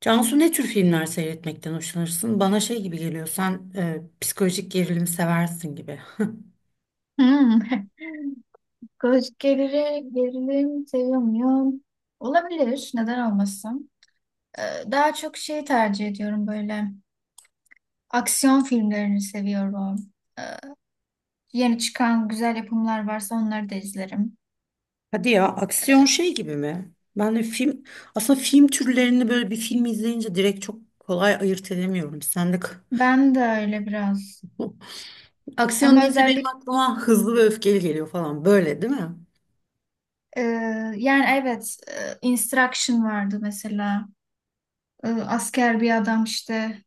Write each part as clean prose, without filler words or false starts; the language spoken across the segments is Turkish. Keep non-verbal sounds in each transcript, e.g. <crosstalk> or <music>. Cansu ne tür filmler seyretmekten hoşlanırsın? Bana şey gibi geliyor, sen psikolojik gerilim seversin gibi. <laughs> Hmm. <laughs> Koç gerili, Gerilim sevmiyorum. Olabilir. Neden olmasın? Ee, Daha çok şey tercih ediyorum böyle. Aksiyon filmlerini seviyorum. Ee, Yeni çıkan güzel yapımlar varsa onları da izlerim. Hadi ya, aksiyon şey gibi mi? Ben de aslında film türlerini böyle bir film izleyince direkt çok kolay ayırt edemiyorum. Sen de Ben de öyle biraz. <laughs> aksiyon Ama deyince benim özellikle aklıma hızlı ve öfkeli geliyor falan böyle, değil mi? e, yani evet, Instruction vardı mesela. Asker bir adam işte,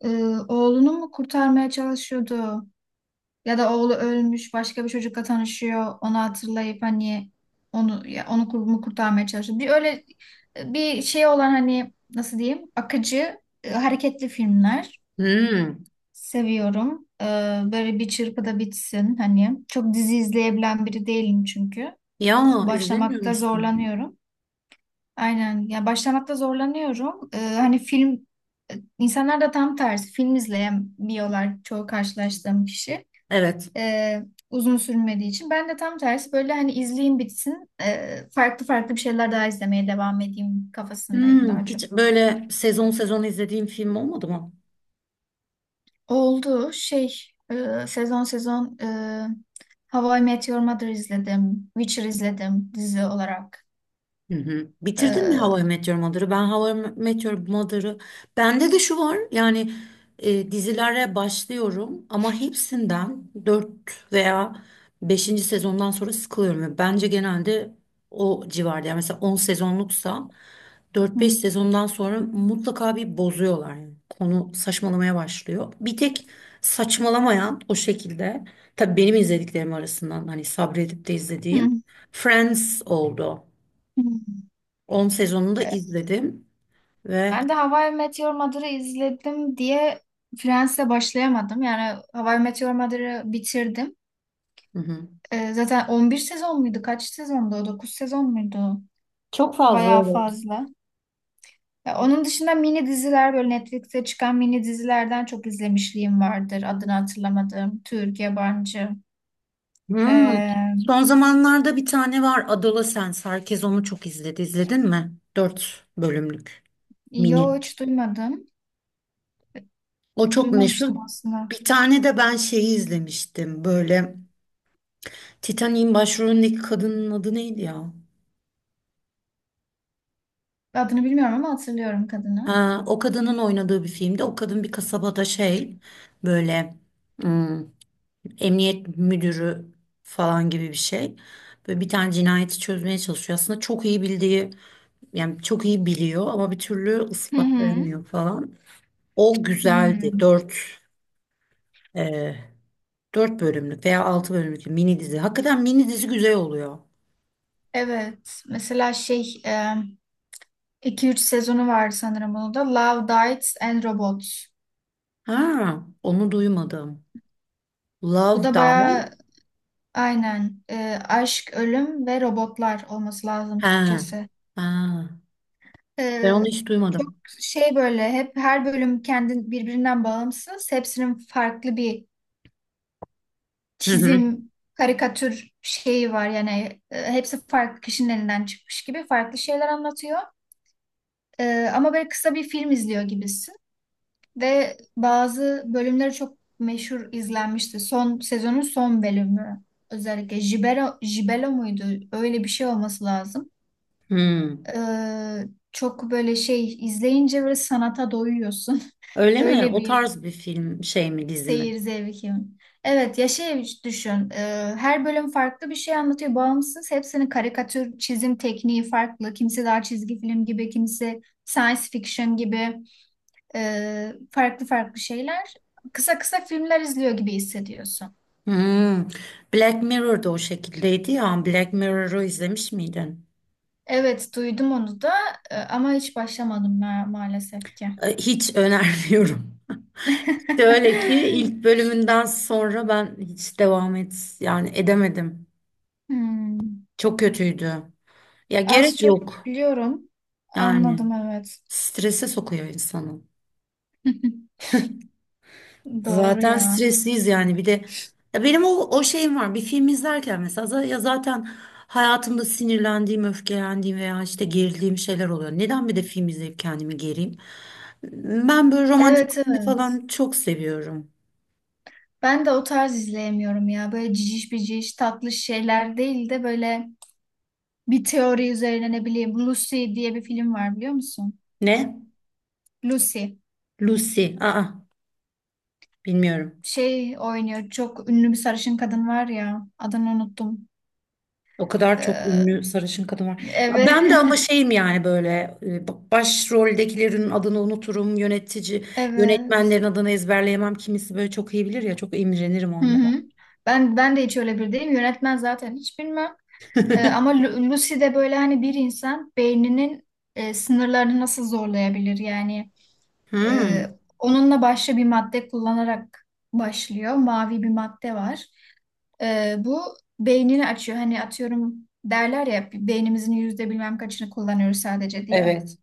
e, oğlunu mu kurtarmaya çalışıyordu? Ya da oğlu ölmüş, başka bir çocukla tanışıyor. Onu hatırlayıp hani onu, ya onu kurumu kurtarmaya çalışıyor. Bir öyle bir şey olan, hani nasıl diyeyim? Akıcı, hareketli filmler Hmm. seviyorum. Böyle bir çırpıda bitsin hani. Çok dizi izleyebilen biri değilim çünkü. Ya izlemiyor Başlamakta musun? zorlanıyorum. Aynen. Ya başlamakta zorlanıyorum. Hani film, insanlar da tam tersi film izleyemiyorlar çoğu karşılaştığım kişi, Evet. e, uzun sürmediği için. Ben de tam tersi böyle, hani izleyeyim bitsin, farklı farklı bir şeyler daha izlemeye devam edeyim kafasındayım Hmm, daha çok. hiç böyle sezon sezon izlediğim film olmadı mı? Oldu şey, sezon sezon, How I Met Your Mother izledim. Witcher izledim dizi olarak. Hı hı. Bitirdin mi How E, I Met Your Mother'ı? Ben How I Met Your Mother'ı... Bende de şu var yani dizilere başlıyorum ama hepsinden 4 veya beşinci sezondan sonra sıkılıyorum. Ve bence genelde o civarda, yani mesela 10 sezonluksa dört hı, beş sezondan sonra mutlaka bir bozuyorlar. Yani konu saçmalamaya başlıyor. Bir tek saçmalamayan, o şekilde tabii benim izlediklerim arasından hani sabredip de izlediğim hı, Friends oldu. hı. 10 sezonunu da E, izledim ve ben de How I Met Your Mother'ı izledim diye Friends'e başlayamadım. Yani How I Met Your Mother'ı bitirdim. hı hı. Zaten 11 sezon muydu? Kaç sezondu o? 9 sezon muydu? Çok fazla, Bayağı evet. fazla. Ya onun dışında mini diziler, böyle Netflix'e çıkan mini dizilerden çok izlemişliğim vardır. Adını hatırlamadığım. Türk, yabancı. Hmm. Ee, Son zamanlarda bir tane var, Adolescence. Herkes onu çok izledi. İzledin mi? 4 bölümlük mini. yo hiç duymadım. O çok meşhur. Duymamıştım aslında. Bir tane de ben şeyi izlemiştim. Böyle Titanic'in başrolündeki kadının adı neydi ya? Adını bilmiyorum ama hatırlıyorum kadını. Ha, o kadının oynadığı bir filmde. O kadın bir kasabada şey, böyle emniyet müdürü falan gibi bir şey. Böyle bir tane cinayeti çözmeye çalışıyor. Aslında çok iyi bildiği, yani çok iyi biliyor ama bir türlü Hı hı. ispatlayamıyor falan. O güzeldi. Hmm. E, dört bölümlük veya altı bölümlük bir mini dizi. Hakikaten mini dizi güzel oluyor. Evet. Mesela şey, iki üç sezonu var sanırım bunun da. Love, Death and Robots. Ha, onu duymadım. Bu Love da Die. bayağı, aynen. Aşk, ölüm ve robotlar olması lazım Ha, Türkçesi. ha. Ben onu Ee, hiç Çok duymadım. şey, böyle hep her bölüm kendi birbirinden bağımsız. Hepsinin farklı bir Hı hı. çizim, karikatür şeyi var. Yani hepsi farklı kişinin elinden çıkmış gibi farklı şeyler anlatıyor. Ama böyle kısa bir film izliyor gibisin. Ve bazı bölümleri çok meşhur izlenmişti. Son sezonun son bölümü. Özellikle Jibelo Jibelo muydu? Öyle bir şey olması lazım. Hmm. Ee, Çok böyle şey izleyince böyle sanata doyuyorsun. Öyle mi? Öyle O bir tarz bir film şey mi, dizi mi? seyir zevkim. Evet ya, şey düşün. Her bölüm farklı bir şey anlatıyor. Bağımsız, hepsinin karikatür çizim tekniği farklı. Kimisi daha çizgi film gibi, kimisi science fiction gibi, farklı farklı şeyler. Kısa kısa filmler izliyor gibi hissediyorsun. Hmm. Black Mirror'da o şekildeydi ya. Black Mirror'ı izlemiş miydin? Evet duydum onu da, ama hiç başlamadım maalesef ki. Hiç önermiyorum. <laughs> Şöyle ki ilk <laughs> bölümünden sonra ben hiç devam et yani edemedim. Hmm. Çok kötüydü. Ya gerek Az çok yok. biliyorum. Yani Anladım evet. strese sokuyor insanı. <laughs> Doğru Zaten ya. stresliyiz yani bir de ya benim o şeyim var. Bir film izlerken mesela zaten hayatımda sinirlendiğim, öfkelendiğim veya işte gerildiğim şeyler oluyor. Neden bir de film izleyip kendimi gereyim? Ben böyle romantik Evet, komedi evet. falan çok seviyorum. Ben de o tarz izleyemiyorum ya. Böyle ciciş biciş tatlı şeyler değil de böyle bir teori üzerine, ne bileyim, Lucy diye bir film var, biliyor musun? Ne? Lucy. Lucy. Aa, bilmiyorum. Şey oynuyor. Çok ünlü bir sarışın kadın var ya. Adını unuttum. O kadar çok Ee, ünlü sarışın kadın var. evet. Ben de ama <laughs> şeyim, yani böyle başroldekilerin adını unuturum. Evet. Yönetmenlerin adını ezberleyemem. Kimisi böyle çok iyi bilir ya, çok imrenirim Hı onlara. hı. Ben de hiç öyle bir değilim. Yönetmen zaten hiç bilmem. Ee, <laughs> ama Lucy de böyle, hani bir insan beyninin sınırlarını nasıl zorlayabilir yani. Hmm, Ee, Onunla başka bir madde kullanarak başlıyor. Mavi bir madde var. Bu beynini açıyor. Hani atıyorum, derler ya beynimizin yüzde bilmem kaçını kullanıyoruz sadece diye. evet.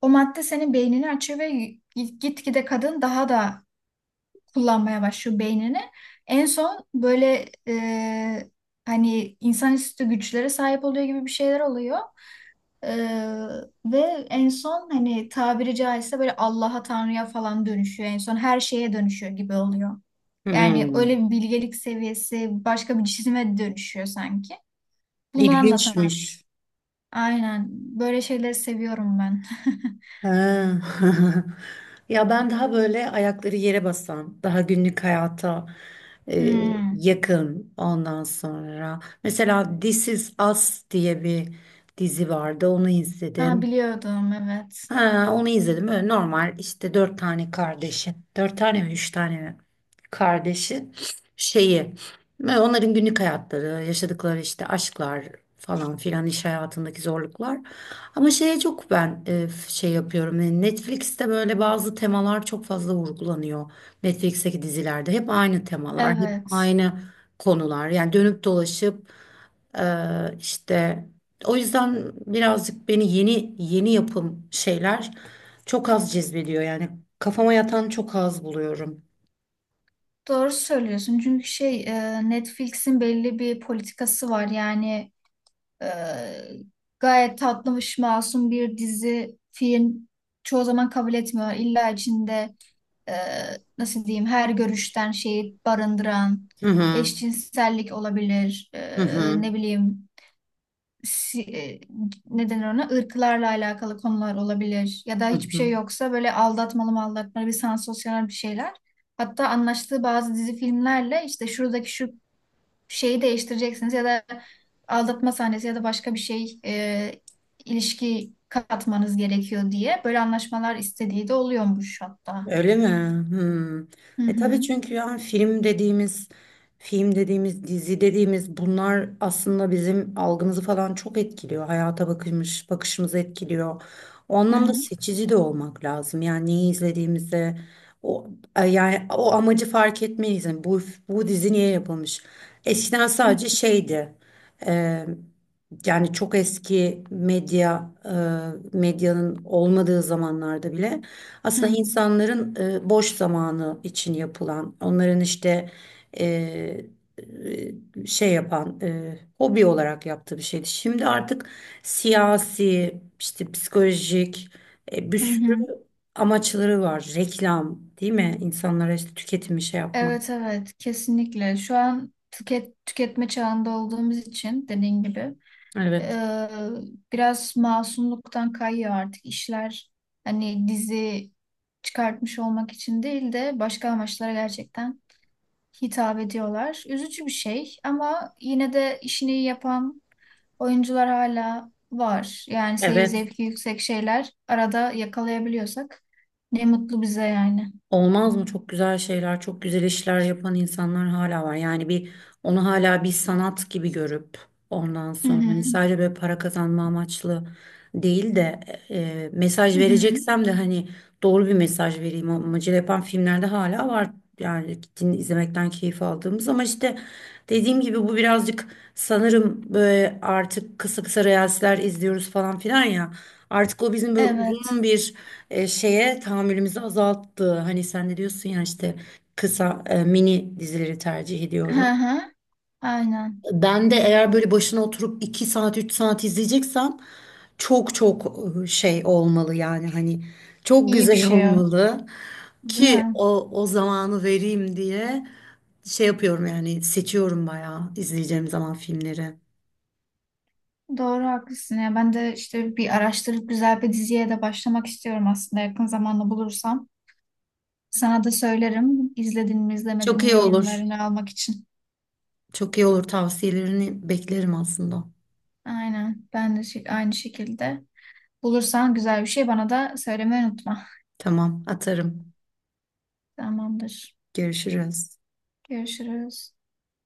O madde senin beynini açıyor ve gitgide kadın daha da kullanmaya başlıyor beynini. En son böyle, hani insanüstü güçlere sahip oluyor gibi bir şeyler oluyor. Ve en son hani, tabiri caizse, böyle Allah'a, Tanrı'ya falan dönüşüyor. En son her şeye dönüşüyor gibi oluyor. Yani öyle Hmm. bir bilgelik seviyesi, başka bir cisime dönüşüyor sanki. Bunu anlatan. İlginçmiş. Aynen. Böyle şeyleri seviyorum ben. <laughs> Ha. <laughs> Ya ben daha böyle ayakları yere basan, daha günlük hayata e, Hmm. yakın ondan sonra. Mesela This Is Us diye bir dizi vardı, onu Ha, izledim. biliyordum evet. Ha, onu izledim. Öyle normal işte dört tane kardeşi. Dört tane mi? Üç tane mi? Kardeşi şeyi ve onların günlük hayatları, yaşadıkları işte aşklar falan filan, iş hayatındaki zorluklar. Ama şeye çok ben şey yapıyorum. Yani Netflix'te böyle bazı temalar çok fazla vurgulanıyor. Netflix'teki dizilerde hep aynı temalar, hep Evet. aynı konular. Yani dönüp dolaşıp e, işte o yüzden birazcık beni yeni yeni yapım şeyler çok az cezbediyor. Yani kafama yatan çok az buluyorum. Doğru söylüyorsun. Çünkü şey, Netflix'in belli bir politikası var. Yani, Ee, gayet tatlış, masum bir dizi, film çoğu zaman kabul etmiyor. İlla içinde e, nasıl diyeyim, her görüşten şeyi barındıran Hı hı. eşcinsellik olabilir. Hı hı. Ne bileyim si, e, ne denir ona, ırklarla alakalı konular olabilir. Ya da Hı hiçbir şey hı. yoksa böyle, aldatmalı mı aldatmalı bir sansasyonel bir şeyler. Hatta anlaştığı bazı dizi filmlerle, işte şuradaki şu şeyi değiştireceksiniz ya da aldatma sahnesi ya da başka bir şey, ilişki katmanız gerekiyor diye böyle anlaşmalar istediği de oluyormuş hatta. Öyle mi? Hmm. Hı E tabii, hı. çünkü yani film dediğimiz, dizi dediğimiz, bunlar aslında bizim algımızı falan çok etkiliyor. Bakışımızı etkiliyor. O Hı anlamda hı. seçici de olmak lazım. Yani neyi izlediğimize o yani o amacı fark etmeliyiz. Yani bu dizi niye yapılmış? Eskiden sadece şeydi. e, Yani çok eski medyanın olmadığı zamanlarda bile Hı aslında hı. insanların boş zamanı için yapılan, onların işte e, şey yapan, hobi olarak yaptığı bir şeydi. Şimdi artık siyasi, işte psikolojik, bir Hı sürü hı. amaçları var. Reklam, değil mi? İnsanlara işte tüketimi şey yapmak. Evet, evet, kesinlikle. Şu an tüketme çağında olduğumuz için dediğin gibi, Evet. e, biraz masumluktan kayıyor artık işler. Hani dizi çıkartmış olmak için değil de başka amaçlara gerçekten hitap ediyorlar. Üzücü bir şey, ama yine de işini iyi yapan oyuncular hala var. Yani seyir Evet. zevki yüksek şeyler arada yakalayabiliyorsak ne mutlu bize yani. Olmaz mı? Çok güzel şeyler, çok güzel işler yapan insanlar hala var. Yani bir, onu hala bir sanat gibi görüp ondan Hı sonra hı. hani sadece böyle para kazanma amaçlı değil de mesaj Hı hı. vereceksem de hani doğru bir mesaj vereyim amacıyla yapan filmlerde hala var. Yani din izlemekten keyif aldığımız ama işte dediğim gibi bu birazcık sanırım böyle artık kısa kısa reelsler izliyoruz falan filan ya. Artık o bizim böyle Evet. uzun bir şeye tahammülümüzü azalttı. Hani sen de diyorsun ya işte kısa mini dizileri tercih Hı ediyorum. hı. Aynen. Ben de eğer böyle başına oturup 2 saat 3 saat izleyeceksem çok çok, şey olmalı, yani hani çok İyi bir güzel <laughs> şey o. olmalı Değil ki mi? o zamanı vereyim diye şey yapıyorum, yani seçiyorum bayağı izleyeceğim zaman filmleri. Doğru, haklısın ya. Ben de işte bir araştırıp güzel bir diziye de başlamak istiyorum aslında, yakın zamanda bulursam. Sana da söylerim. İzledin mi, izlemedin Çok mi, iyi olur. yorumlarını almak için. Çok iyi olur, tavsiyelerini beklerim aslında. Aynen. Ben de aynı şekilde. Bulursan güzel bir şey bana da söylemeyi unutma. Tamam, atarım. Tamamdır. Görüşürüz. Görüşürüz.